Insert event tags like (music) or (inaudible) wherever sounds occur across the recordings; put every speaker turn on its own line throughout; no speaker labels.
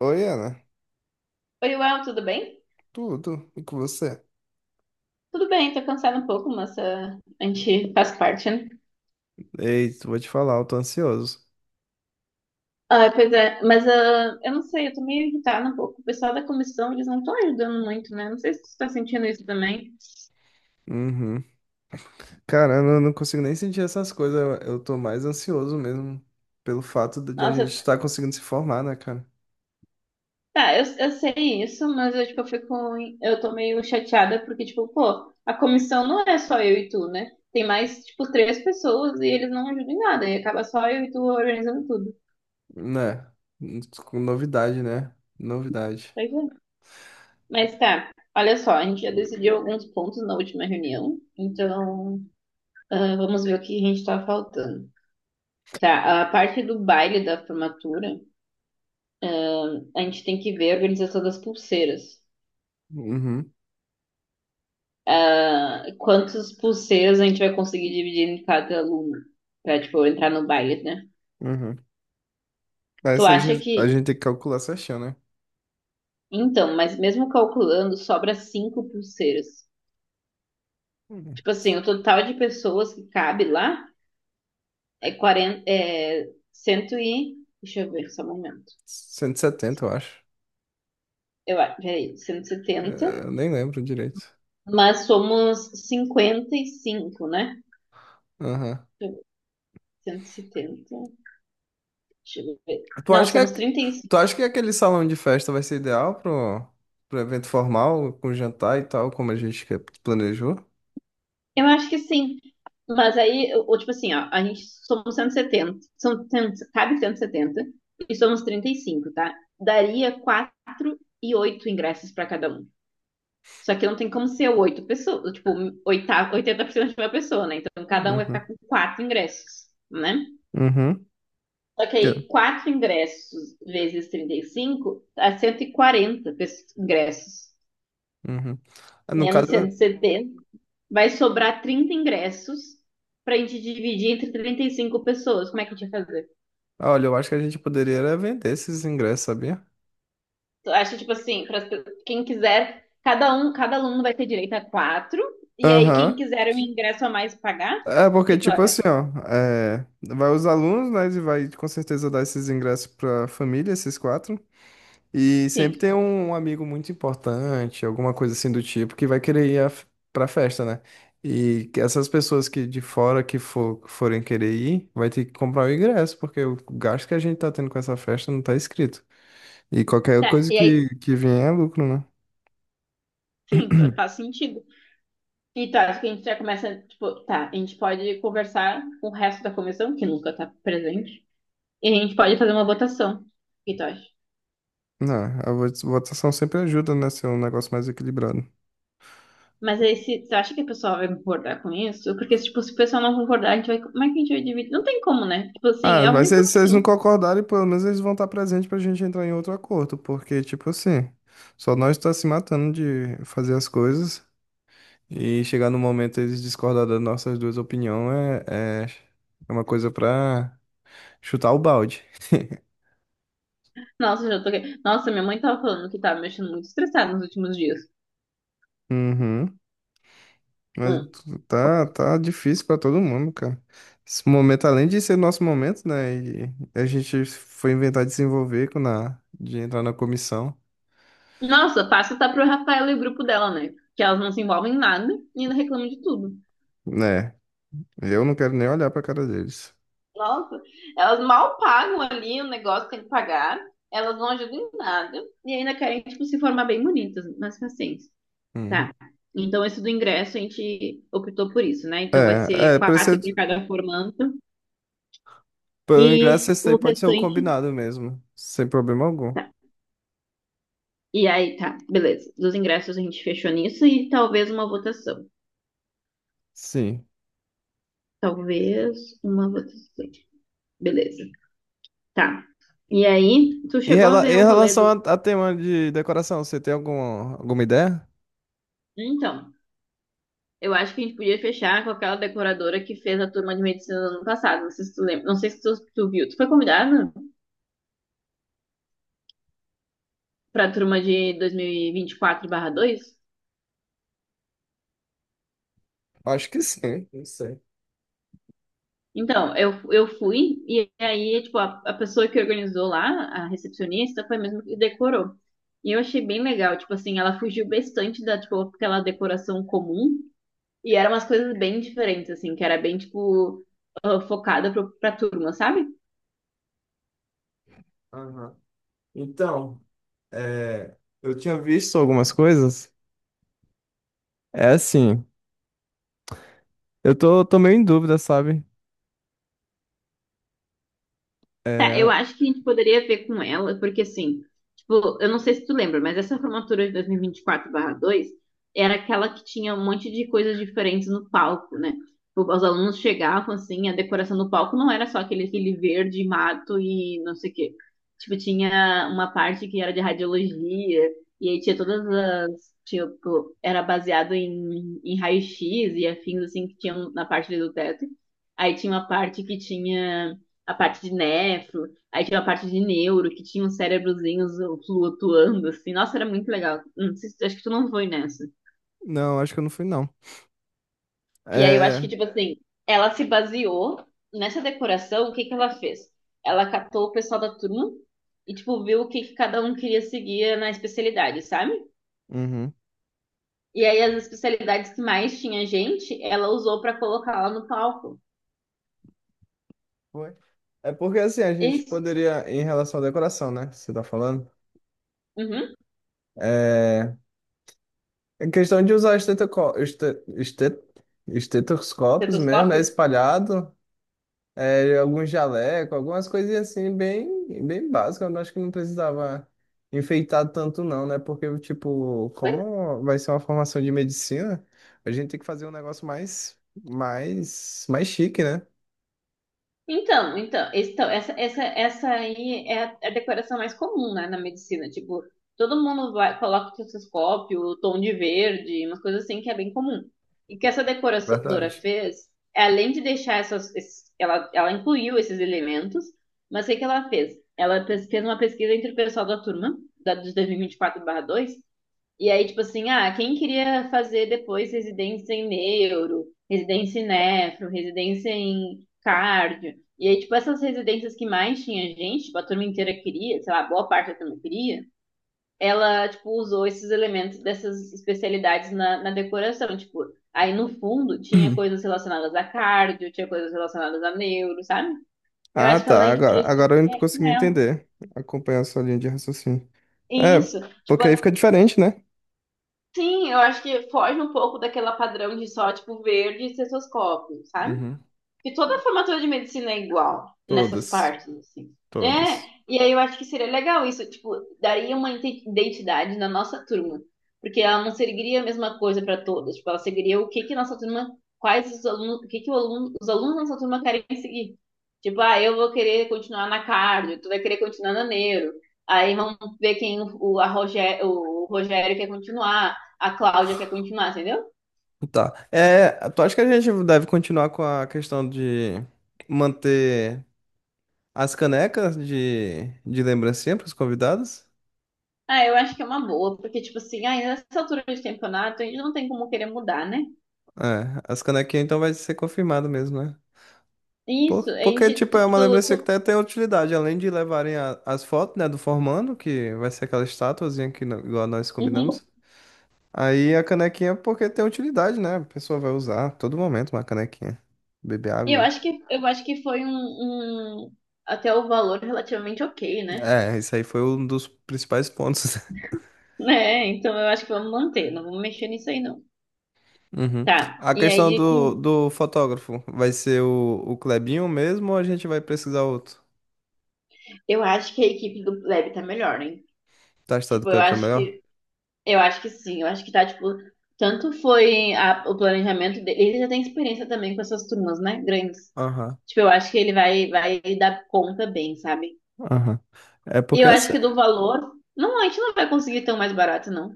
Oi, Ana.
Oi, Uel, tudo bem?
Tudo. E com você?
Tudo bem, tô cansada um pouco, mas a gente faz parte, né?
Ei, vou te falar, eu tô ansioso.
Ah, pois é, mas eu não sei, eu tô meio irritada um pouco. O pessoal da comissão, eles não estão ajudando muito, né? Não sei se tu tá sentindo isso também.
Uhum. Cara, eu não consigo nem sentir essas coisas. Eu tô mais ansioso mesmo pelo fato de a gente
Nossa,
estar conseguindo se formar, né, cara?
tá, eu sei isso, mas eu, tipo, eu fico, eu tô meio chateada porque, tipo, pô, a comissão não é só eu e tu, né? Tem mais, tipo, três pessoas e eles não ajudam em nada, e acaba só eu e tu organizando tudo.
Né? Com novidade, né? Novidade.
Pois é. Mas tá, olha só, a gente já decidiu alguns pontos na última reunião, então. Ah, vamos ver o que a gente tá faltando. Tá, a parte do baile da formatura, a gente tem que ver a organização das pulseiras.
Uhum,
Ah, quantas pulseiras a gente vai conseguir dividir em cada aluno pra, tipo, entrar no baile, né?
uhum. Aí
Tu
você,
acha que.
a gente tem que calcular certinho, né?
Então, mas mesmo calculando, sobra cinco pulseiras.
Uhum.
Tipo assim, o total de pessoas que cabe lá é 40, é 100 e. Deixa eu ver só um momento.
170, eu acho.
Peraí, cento e setenta.
É, eu nem lembro direito.
Mas somos 55, né?
Aham.
170. Deixa eu ver.
Tu
Não,
acha que,
somos
é-
trinta e cinco.
tu acha que aquele salão de festa vai ser ideal pro, pro evento formal, com jantar e tal, como a gente planejou?
Eu acho que sim. Mas aí, ou, tipo assim, ó, a gente somos cento e setenta. São, 100 cabe cento e setenta e somos trinta e cinco, tá? Daria 4 e 8 ingressos para cada um. Só que não tem como ser oito pessoas, tipo, oitava, 80% de uma pessoa, né? Então cada um vai ficar
Uhum.
com quatro ingressos, né?
Uhum.
Só que
Que.
aí quatro ingressos vezes 35 dá 140 ingressos.
Uhum. Ah, no
Menos
caso,
cento e setenta. Vai sobrar 30 ingressos pra gente dividir entre 35 pessoas. Como é que a gente vai fazer?
olha, eu acho que a gente poderia era vender esses ingressos, sabia?
Eu acho, tipo assim, para quem quiser, cada aluno vai ter direito a quatro. E aí, quem
Aham.
quiser um
Que.
ingresso a mais pagar, o
É porque,
que tu
tipo
acha?
assim, ó, é, vai os alunos, né, e vai com certeza dar esses ingressos pra família, esses quatro. E sempre
Sim.
tem um amigo muito importante, alguma coisa assim do tipo, que vai querer pra festa, né? E que essas pessoas que de fora que forem querer ir, vai ter que comprar o ingresso, porque o gasto que a gente tá tendo com essa festa não tá escrito. E qualquer
Tá.
coisa
E aí,
que vier é lucro, né?
sim, faz sentido. E tu acha que a gente já começa, tipo, tá, a gente pode conversar com o resto da comissão, que nunca tá presente, e a gente pode fazer uma votação. O que tu acha?
Não, a votação sempre ajuda, né? Ser um negócio mais equilibrado.
Mas aí, se, você acha que a pessoa vai concordar com isso? Porque, tipo, se o pessoal não concordar, a gente vai. Como é que a gente vai dividir? Não tem como, né? Tipo assim,
Ah,
é a
mas
única
se eles não
opção.
concordarem, pelo menos eles vão estar presentes pra gente entrar em outro acordo, porque, tipo assim, só nós tá se matando de fazer as coisas. E chegar no momento eles discordar das nossas duas opiniões é uma coisa pra chutar o balde.
Nossa, Nossa, minha mãe tava falando que tava mexendo muito estressada nos últimos dias.
Uhum. Mas
Hum.
tá, tá difícil pra todo mundo, cara. Esse momento, além de ser nosso momento, né? E a gente foi inventar de se envolver de entrar na comissão.
Nossa, passa tá pro Rafael e o grupo dela, né? Que elas não se envolvem em nada e ainda reclamam de tudo.
Né? Eu não quero nem olhar pra cara deles.
Nossa, elas mal pagam ali o negócio que tem que pagar. Elas não ajudam em nada. E ainda querem, tipo, se formar bem bonitas, mas paciência. Tá.
Uhum.
Então, esse do ingresso a gente optou por isso, né? Então, vai ser
Pra
quatro
ser,
para cada formando
pra
e
ingresso, esse daí
o
pode ser o
restante.
combinado mesmo. Sem problema algum.
Tá. E aí, tá, beleza. Dos ingressos a gente fechou nisso e talvez uma votação.
Sim.
Talvez uma votação. Beleza. Tá. E aí, tu
Em
chegou a
em
ver o rolê
relação
do.
a tema de decoração, você tem alguma ideia?
Então, eu acho que a gente podia fechar com aquela decoradora que fez a turma de medicina no ano passado. Não sei se tu lembra. Não sei se tu viu. Tu foi convidada para a turma de 2024/2?
Acho que sim, não sei.
Então, eu fui, e aí, tipo, a pessoa que organizou lá, a recepcionista, foi mesmo que decorou. E eu achei bem legal, tipo assim, ela fugiu bastante da, tipo, aquela decoração comum, e eram umas coisas bem diferentes, assim, que era bem, tipo, focada pra turma, sabe?
Aham. Então, é, eu tinha visto algumas coisas. É assim, tô meio em dúvida, sabe?
Tá, eu
É,
acho que a gente poderia ver com ela, porque assim, tipo, eu não sei se tu lembra, mas essa formatura de 2024/2 era aquela que tinha um monte de coisas diferentes no palco, né? Tipo, os alunos chegavam assim, a decoração do palco não era só aquele verde, mato e não sei o quê. Tipo, tinha uma parte que era de radiologia, e aí tinha todas as, tipo, era baseado em raio-x e afins assim que tinham na parte ali do teto. Aí tinha uma parte que tinha a parte de nefro, aí tinha a parte de neuro, que tinha uns cérebrozinhos flutuando, assim. Nossa, era muito legal. Não sei acho que tu não foi nessa.
não, acho que eu não fui, não.
E aí eu acho que,
É,
tipo assim, ela se baseou nessa decoração, o que que ela fez? Ela catou o pessoal da turma e, tipo, viu o que que cada um queria seguir na especialidade, sabe?
uhum.
E aí as especialidades que mais tinha gente, ela usou pra colocar lá no palco.
Foi. É porque assim, a gente
Isso.
poderia, em relação à decoração, né? Que você tá falando.
Uhum.
É, é questão de usar estetoscópios mesmo, né?
Estetoscópio?
Espalhado. É, algum jaleco, algumas coisinhas assim, bem, bem básicas. Eu acho que não precisava enfeitar tanto, não, né? Porque, tipo,
Pois é.
como vai ser uma formação de medicina, a gente tem que fazer um negócio mais chique, né?
Então, essa aí é a decoração mais comum, né, na medicina. Tipo, todo mundo vai, coloca o cistoscópio, tom de verde, umas coisas assim que é bem comum. E o que essa decoradora
Verdade.
fez, além de deixar ela incluiu esses elementos, mas o que que ela fez? Ela fez uma pesquisa entre o pessoal da turma, de 2024-2, e aí, tipo assim, quem queria fazer depois residência em neuro, residência em nefro, residência em cardio. E aí, tipo, essas residências que mais tinha gente, tipo, a turma inteira queria, sei lá, boa parte da turma queria, ela, tipo, usou esses elementos dessas especialidades na decoração. Tipo, aí no fundo tinha coisas
(clears throat)
relacionadas a cardio, tinha coisas relacionadas a neuro, sabe? Eu
Ah,
acho que a
tá.
gente podia seguir
Agora eu não
com
consegui
ela.
entender. Acompanhar a sua linha de raciocínio. É,
Isso. Tipo,
porque aí fica diferente, né?
sim, eu acho que foge um pouco daquela padrão de só, tipo, verde e cestoscópio, sabe?
Uhum.
E toda a formatura de medicina é igual nessas
Todas.
partes, assim. É,
Todas.
e aí eu acho que seria legal isso, tipo, daria uma identidade na nossa turma, porque ela não seguiria a mesma coisa para todas, tipo, ela seguiria o que que nossa turma, quais os alunos, o que que os alunos da nossa turma querem seguir. Tipo, eu vou querer continuar na cardio, tu vai querer continuar na neuro. Aí vamos ver quem o, a Rogé- o Rogério quer continuar, a Cláudia quer continuar, entendeu?
Tá. É, tu acha que a gente deve continuar com a questão de manter. As canecas de lembrancinha para os convidados?
Ah, eu acho que é uma boa, porque, tipo assim, ai, nessa altura de campeonato, a gente não tem como querer mudar, né?
É, as canequinhas então vai ser confirmado mesmo, né?
Isso, a
Porque,
gente,
tipo, é
tipo,
uma
do.
lembrancinha que
Tu-
até tem utilidade, além de levarem as fotos, né, do formando, que vai ser aquela estatuazinha que no- igual nós
Uhum.
combinamos. Aí a canequinha, porque tem utilidade, né? A pessoa vai usar a todo momento uma canequinha. Beber
E Eu
água.
acho que, eu acho que foi um, até o valor relativamente ok, né?
É, isso aí foi um dos principais pontos. (laughs)
(laughs) Né? Então eu acho que vamos manter, não vamos mexer nisso aí, não.
Uhum.
Tá,
A
e aí
questão do, do fotógrafo, vai ser o Clebinho mesmo ou a gente vai precisar outro?
eu acho que a equipe do Lab tá melhor, hein?
Tá estado
Tipo,
claro, tá melhor?
eu acho que sim, eu acho que tá, tipo, tanto foi o planejamento dele, ele já tem experiência também com essas turmas, né? Grandes.
Aham,
Tipo, eu acho que ele vai dar conta bem, sabe?
aham. É
E
porque
eu acho
assim,
que do valor, não, a gente não vai conseguir tão mais barato, não.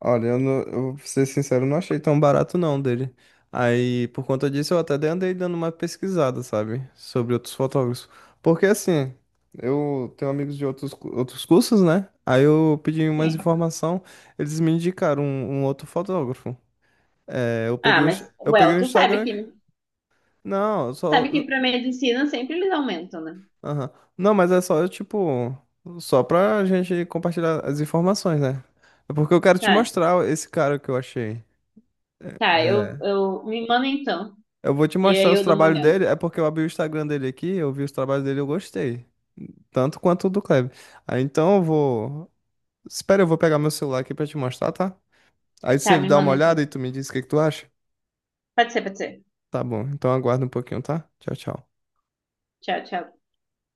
olha, eu, não, eu vou ser sincero, eu não achei tão barato não dele. Aí, por conta disso, eu até andei dando uma pesquisada, sabe? Sobre outros fotógrafos. Porque assim, eu tenho amigos de outros, outros cursos, né? Aí eu pedi umas
Sim.
informação, eles me indicaram um outro fotógrafo. É, eu peguei
Ah, mas,
eu peguei
well,
o Instagram. Não, só.
sabe que pra medicina sempre eles aumentam, né?
Aham. Não, mas é só, tipo, só pra gente compartilhar as informações, né? É porque eu quero te
Tá,
mostrar esse cara que eu achei.
tá,
É.
me manda então.
Eu vou te
E
mostrar
aí
os
eu dou uma
trabalhos
olhada.
dele, é porque eu abri o Instagram dele aqui, eu vi os trabalhos dele e eu gostei. Tanto quanto o do Kleber. Aí então eu vou. Espera, eu vou pegar meu celular aqui pra te mostrar, tá? Aí
Tá,
você
me
dá uma
manda então.
olhada e tu me diz o que que tu acha?
Pode ser, pode ser.
Tá bom, então aguarda um pouquinho, tá? Tchau, tchau.
Tchau, tchau.